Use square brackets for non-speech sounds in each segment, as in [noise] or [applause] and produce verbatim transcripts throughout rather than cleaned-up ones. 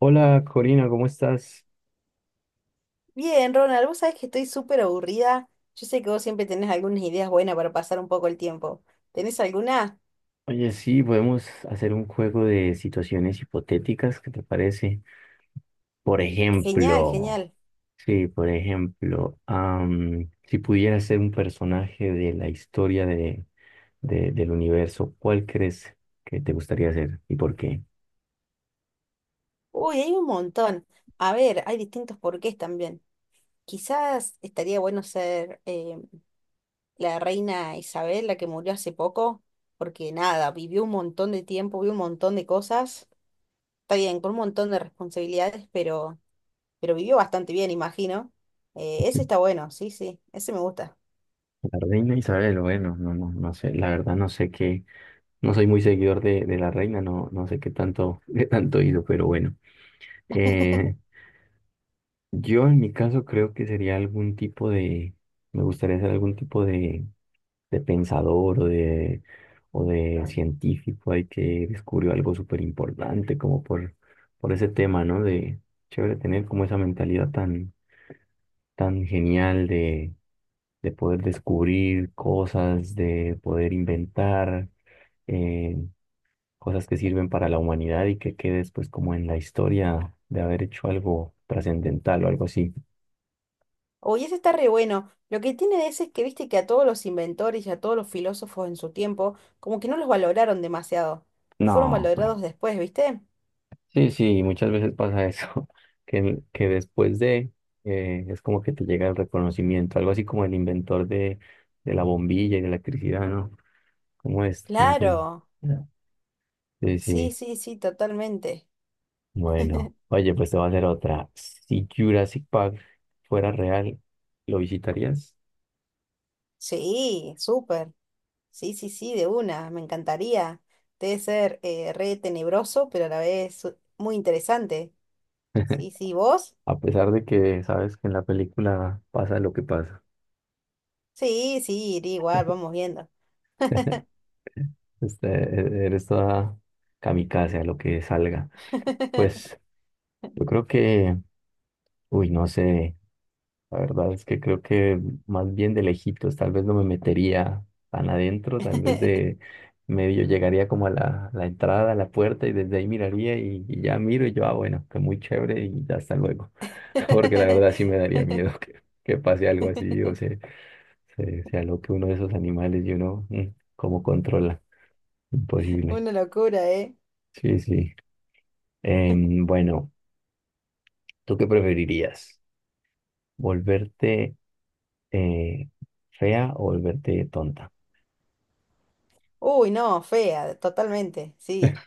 Hola Corina, ¿cómo estás? Bien, Ronald, vos sabés que estoy súper aburrida. Yo sé que vos siempre tenés algunas ideas buenas para pasar un poco el tiempo. ¿Tenés alguna? Oye, sí, podemos hacer un juego de situaciones hipotéticas, ¿qué te parece? Por Genial, ejemplo, genial. sí, por ejemplo, am, si pudieras ser un personaje de la historia de, de- del universo, ¿cuál crees que te gustaría ser y por qué? Uy, hay un montón. A ver, hay distintos porqués también. Quizás estaría bueno ser eh, la reina Isabel, la que murió hace poco, porque nada, vivió un montón de tiempo, vivió un montón de cosas. Está bien, con un montón de responsabilidades, pero, pero vivió bastante bien, imagino. Eh, ese está bueno, sí, sí, ese me gusta. La reina Isabel, bueno, no, no, no sé, la verdad no sé qué, no soy muy seguidor de, de la reina, no, no sé qué tanto, [laughs] qué tanto hizo, pero bueno. [laughs] eh, Yo en mi caso creo que sería algún tipo de, me gustaría ser algún tipo de, de pensador o de, o de científico ahí que descubrió algo súper importante como por, por ese tema, ¿no? De chévere tener como esa mentalidad tan, tan genial de, de poder descubrir cosas, de poder inventar eh, cosas que sirven para la humanidad y que quede después como en la historia de haber hecho algo trascendental o algo así. Oye, ese está re bueno. Lo que tiene de ese es que viste que a todos los inventores y a todos los filósofos en su tiempo, como que no los valoraron demasiado. Fueron No, claro. valorados después, ¿viste? Sí, sí, muchas veces pasa eso, [laughs] que, que después de, eh, es como que te llega el reconocimiento, algo así como el inventor de, de la bombilla y de la electricidad, ¿no? ¿Cómo es? No sé. Claro. Sí, Sí, sí. sí, sí, totalmente. Bueno, oye, pues te voy a hacer otra. Si Jurassic Park fuera real, ¿lo visitarías? Sí, súper. Sí, sí, sí, de una. Me encantaría. Debe ser eh, re tenebroso, pero a la vez su- muy interesante. Sí, sí, ¿vos? A pesar de que sabes que en la película pasa lo que pasa. Sí, sí, iría igual, vamos viendo. Este, e-, eres toda kamikaze a lo que salga. Pues [laughs] yo creo que uy, no sé, la verdad es que creo que más bien de lejitos, tal vez no me metería tan adentro, tal vez de [laughs] medio llegaría como a la, la entrada, a la puerta y desde ahí miraría y, y ya miro y yo, ah, bueno, que muy chévere y ya hasta luego, [laughs] porque la verdad sí me daría miedo que, que pase algo así o se, se, se aloque uno de esos animales y uno, mm, ¿cómo controla? Imposible. Una locura, ¿eh? Sí, sí. Em, bueno, ¿tú qué preferirías? ¿Volverte eh, fea o volverte tonta? Uy, no, fea, totalmente, sí,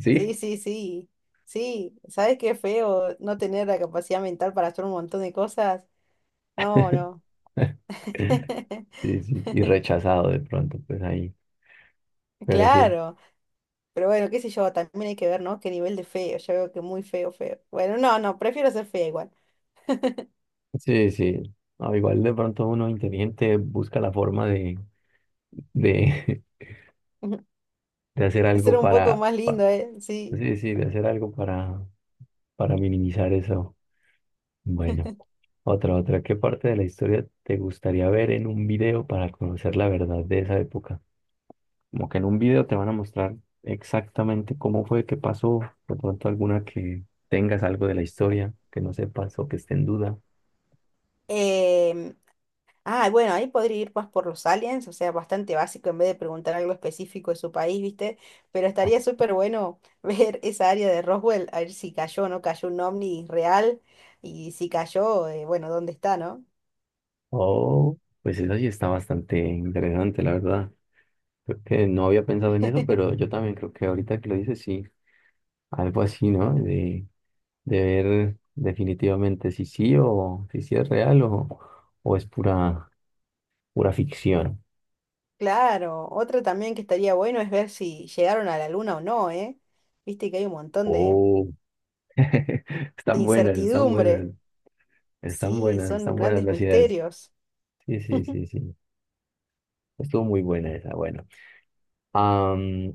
¿Sí? sí, sí, sí, sí, ¿sabes qué feo no tener la capacidad mental para hacer un montón de cosas? No, no. [laughs] [laughs] Sí, sí, y rechazado de pronto, pues ahí. Pero sí, Claro, pero bueno, qué sé yo, también hay que ver, ¿no? Qué nivel de feo, yo veo que muy feo, feo. Bueno, no, no, prefiero ser fea igual. sí, sí. No, igual de pronto uno inteligente busca la forma de, de, [laughs] [laughs] de hacer Ser algo un poco para, más pa- lindo, ¿eh? Sí. sí, sí, de hacer algo para, para minimizar eso. Bueno, otra, otra. ¿Qué parte de la historia te gustaría ver en un video para conocer la verdad de esa época? Como que en un video te van a mostrar exactamente cómo fue que pasó, de pronto alguna que tengas algo de la historia que no sepas o que esté en duda. Em, Ah, bueno, ahí podría ir más por los aliens, o sea, bastante básico en vez de preguntar algo específico de su país, ¿viste? Pero estaría súper bueno [laughs] ver esa área de Roswell, a ver si cayó o no cayó un ovni real y si cayó, eh, bueno, ¿dónde está, no? Oh, pues eso sí está bastante interesante, la verdad. Creo que no había pensado en eso, pero [laughs] yo también creo que ahorita que lo dices, sí, algo así, ¿no? De, de ver definitivamente si sí o si sí es real o, o es pura, pura ficción. Claro, otra también que estaría bueno es ver si llegaron a la luna o no, ¿eh? Viste que hay un montón de Oh, [laughs] de están buenas, están incertidumbre. buenas, están Sí, buenas, son están buenas grandes las ideas. misterios. Sí, sí, sí, sí. Estuvo muy buena esa. Bueno, Am,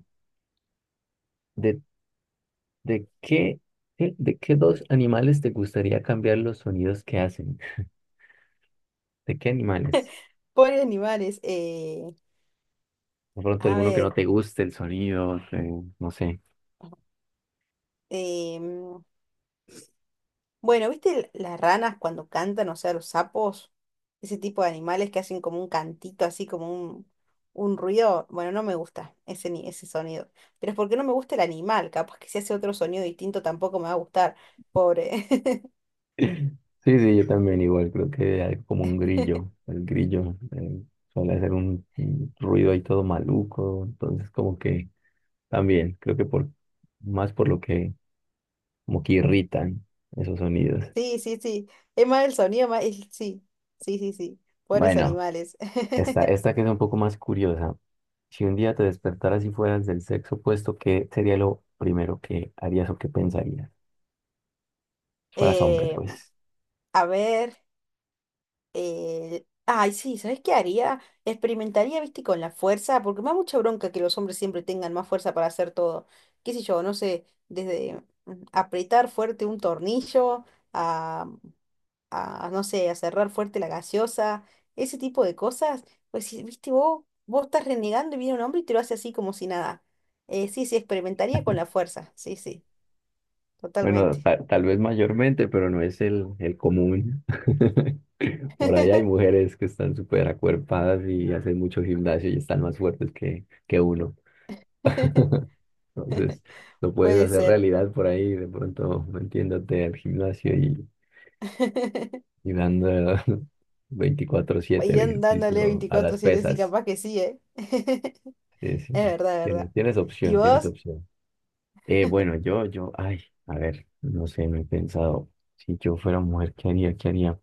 ¿de, de qué, qué- de qué dos animales te gustaría cambiar los sonidos que hacen? ¿De qué animales? Pobres animales. Eh, De pronto a alguno que no ver. te guste el sonido, que- no sé. em, Bueno, ¿viste l- las ranas cuando cantan, o sea, los sapos? Ese tipo de animales que hacen como un cantito, así como un, un ruido. Bueno, no me gusta ese, ni- ese sonido. Pero es porque no me gusta el animal. Capaz que si hace otro sonido distinto tampoco me va a gustar. Pobre. [laughs] Sí, sí, yo también igual, creo que algo como un grillo. [laughs] El grillo eh, suele hacer un, un ruido ahí todo maluco, entonces como que también, creo que por más por lo que como que irritan esos sonidos. Sí, sí, sí. Es más el sonido, más... el- Sí, sí, sí, sí. Pobres Bueno. animales. Esta, [laughs] esta que es un poco más curiosa. Si un día te despertaras y fueras del sexo opuesto, ¿qué sería lo primero que harías o qué pensarías? Si fueras hombre, Eh, pues. a ver. Eh, ay, sí, ¿sabes qué haría? Experimentaría, viste, con la fuerza, porque me da mucha bronca que los hombres siempre tengan más fuerza para hacer todo. ¿Qué sé yo? No sé, desde mm, apretar fuerte un tornillo a, a, no sé, a cerrar fuerte la gaseosa, ese tipo de cosas. Pues, sí, viste, vos, vos estás renegando y viene un hombre y te lo hace así como si nada. Eh, sí, sí, experimentaría con la fuerza. Sí, sí, totalmente. Bueno, ta- tal vez mayormente, pero no es el, el común. [laughs] Por ahí hay [laughs] mujeres que están súper acuerpadas y hacen mucho gimnasio y están más fuertes que, que uno. [laughs] Entonces, lo puedes Puede hacer ser. realidad por ahí, de pronto metiéndote al gimnasio y, [laughs] y dando [laughs] veinticuatro siete Y el dan- dándole ejercicio a las veinticuatro siete sí, pesas. capaz que sí, ¿eh? [laughs] Sí, Es sí. verdad, es Tienes, verdad. tienes ¿Y opción, tienes vos? opción. Eh, bueno, yo, yo, ay, a ver, no sé, me he pensado. Si yo fuera mujer, ¿qué haría? ¿Qué haría?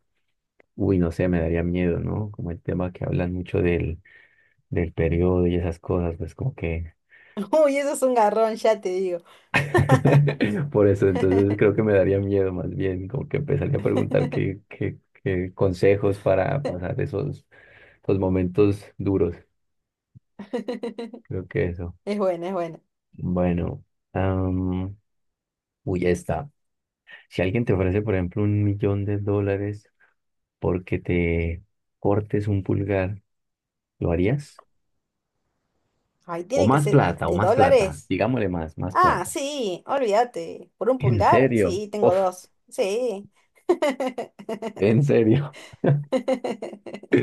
Uy, no sé, me daría miedo, ¿no? Como el tema que hablan mucho del, del periodo y esas cosas, pues como que… [laughs] Uy, eso es un garrón, ya te digo. [laughs] Por eso, entonces [laughs] creo que me daría miedo más bien, como que empezaría a preguntar qué, qué, qué consejos para pasar esos, esos momentos duros. Creo que eso. Es buena, es buena. Bueno, am, uy, ya está. Si alguien te ofrece, por ejemplo, un millón de dólares porque te cortes un pulgar, ¿lo harías? Ay, O tiene que más ser plata, o de más plata. dólares. Digámosle más, más Ah, plata. sí, olvídate. ¿Por un ¿En pulgar? serio? Sí, tengo Uf, dos. Sí. ¿en serio? [laughs] [laughs]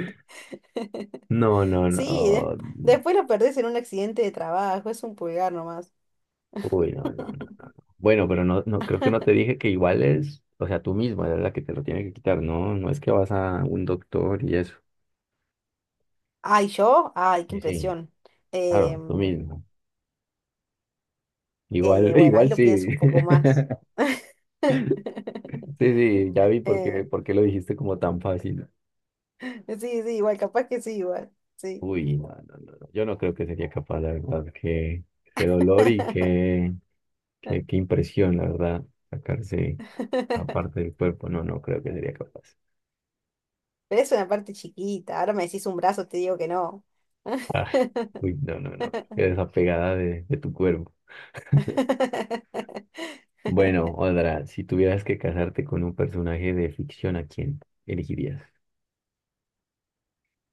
No, no, Sí, des- no. después lo perdés en un accidente de trabajo, es un pulgar nomás. Uy, no, no, no, no. No. Bueno, pero no, no, creo que no te dije que igual es, o sea, tú mismo eres la que te lo tiene que quitar, ¿no? No es que vas a un doctor y eso. Ay, yo, ay, qué Y sí, impresión. claro, tú Em, mismo. Eh, Igual, [laughs] bueno, ahí igual lo pienso un sí. poco más. [laughs] [laughs] Sí, sí, ya vi por qué, Eh, por qué lo dijiste como tan fácil. sí, sí, igual, capaz que sí, igual. Sí. Uy, no, no, no, no. Yo no creo que sería capaz, la verdad. Qué, qué dolor y [laughs] qué, qué, qué impresión, la verdad, sacarse aparte del cuerpo. No, no creo que sería capaz. Pero es una parte chiquita. Ahora me decís un brazo, te digo que no. Ah, uy, no, no, no. Qué [laughs] desapegada de, de tu cuerpo. Bueno, Odra, si tuvieras que casarte con un personaje de ficción, ¿a quién elegirías?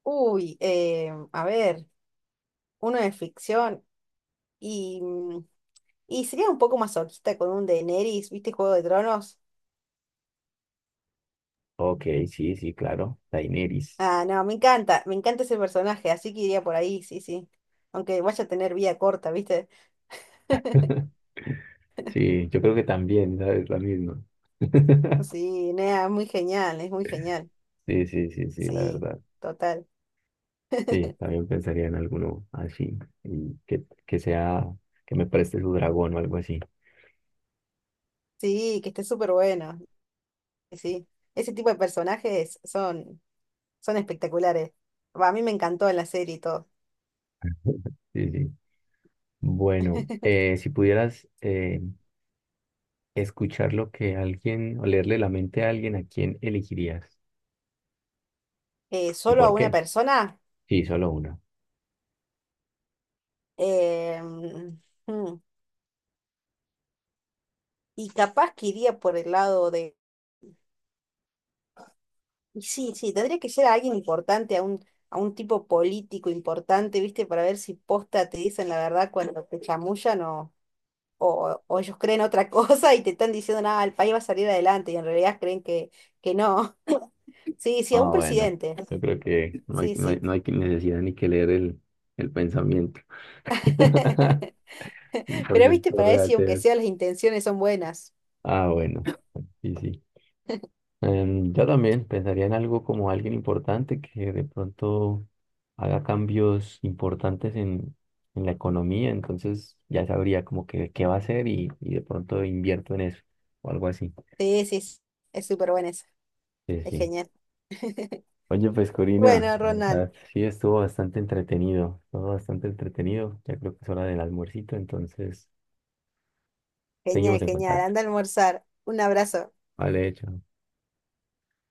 Uy, eh, a ver, uno de ficción y, mm, y sería un poco masoquista con un Daenerys, ¿viste Juego de Tronos? Ok, sí, sí, claro. Daenerys. Ah, no, me encanta, me encanta ese personaje, así que iría por ahí, sí, sí. Aunque vaya a tener vida corta, ¿viste? [laughs] [laughs] Sí, yo creo que también, ¿sabes? La misma. [laughs] Sí, Nea, es muy genial, es muy genial. Sí, sí, sí, sí, la Sí, verdad. total. Sí, [laughs] también pensaría en alguno así, y que, que sea, que me preste su dragón o algo así. Sí, que esté súper bueno. Sí, ese tipo de personajes son, son espectaculares. Va, a mí me encantó en la serie y todo. [laughs] Sí, sí. Bueno, [laughs] eh, si pudieras eh, escuchar lo que alguien, o leerle la mente a alguien, ¿a quién elegirías? Eh, ¿Y solo a por una qué? persona. Sí, solo una. eh, mm, y capaz que iría por el lado de... y Sí, sí, tendría que ser a alguien importante, a un, a un tipo político importante, ¿viste? Para ver si posta te dicen la verdad cuando te chamullan o... o, o ellos creen otra [laughs] cosa y te están diciendo, nada, el país va a salir adelante y en realidad creen que, que no. [laughs] Sí, sí, a Ah, un bueno. presidente. Yo creo que no hay, Sí, no hay, sí. no hay que- necesidad ni que leer el, el pensamiento. [laughs] [laughs] cien por Pero viste, ciento para real. eso, aunque te- sea, las intenciones son buenas. Ah, bueno. Sí, sí. Em, yo también pensaría en algo como alguien importante que de pronto haga cambios importantes en, en la economía, entonces ya sabría como que qué va a hacer y, y de pronto invierto en eso o algo así. Sí, sí, sí. Es súper buena esa. Sí, Es sí. genial. [laughs] Oye, pues Corina, Bueno, la Ronald, verdad, sí estuvo bastante entretenido, estuvo bastante entretenido, ya creo que es hora del almuercito, entonces seguimos genial, en genial. contacto. Anda a almorzar. Un abrazo. Vale, hecho.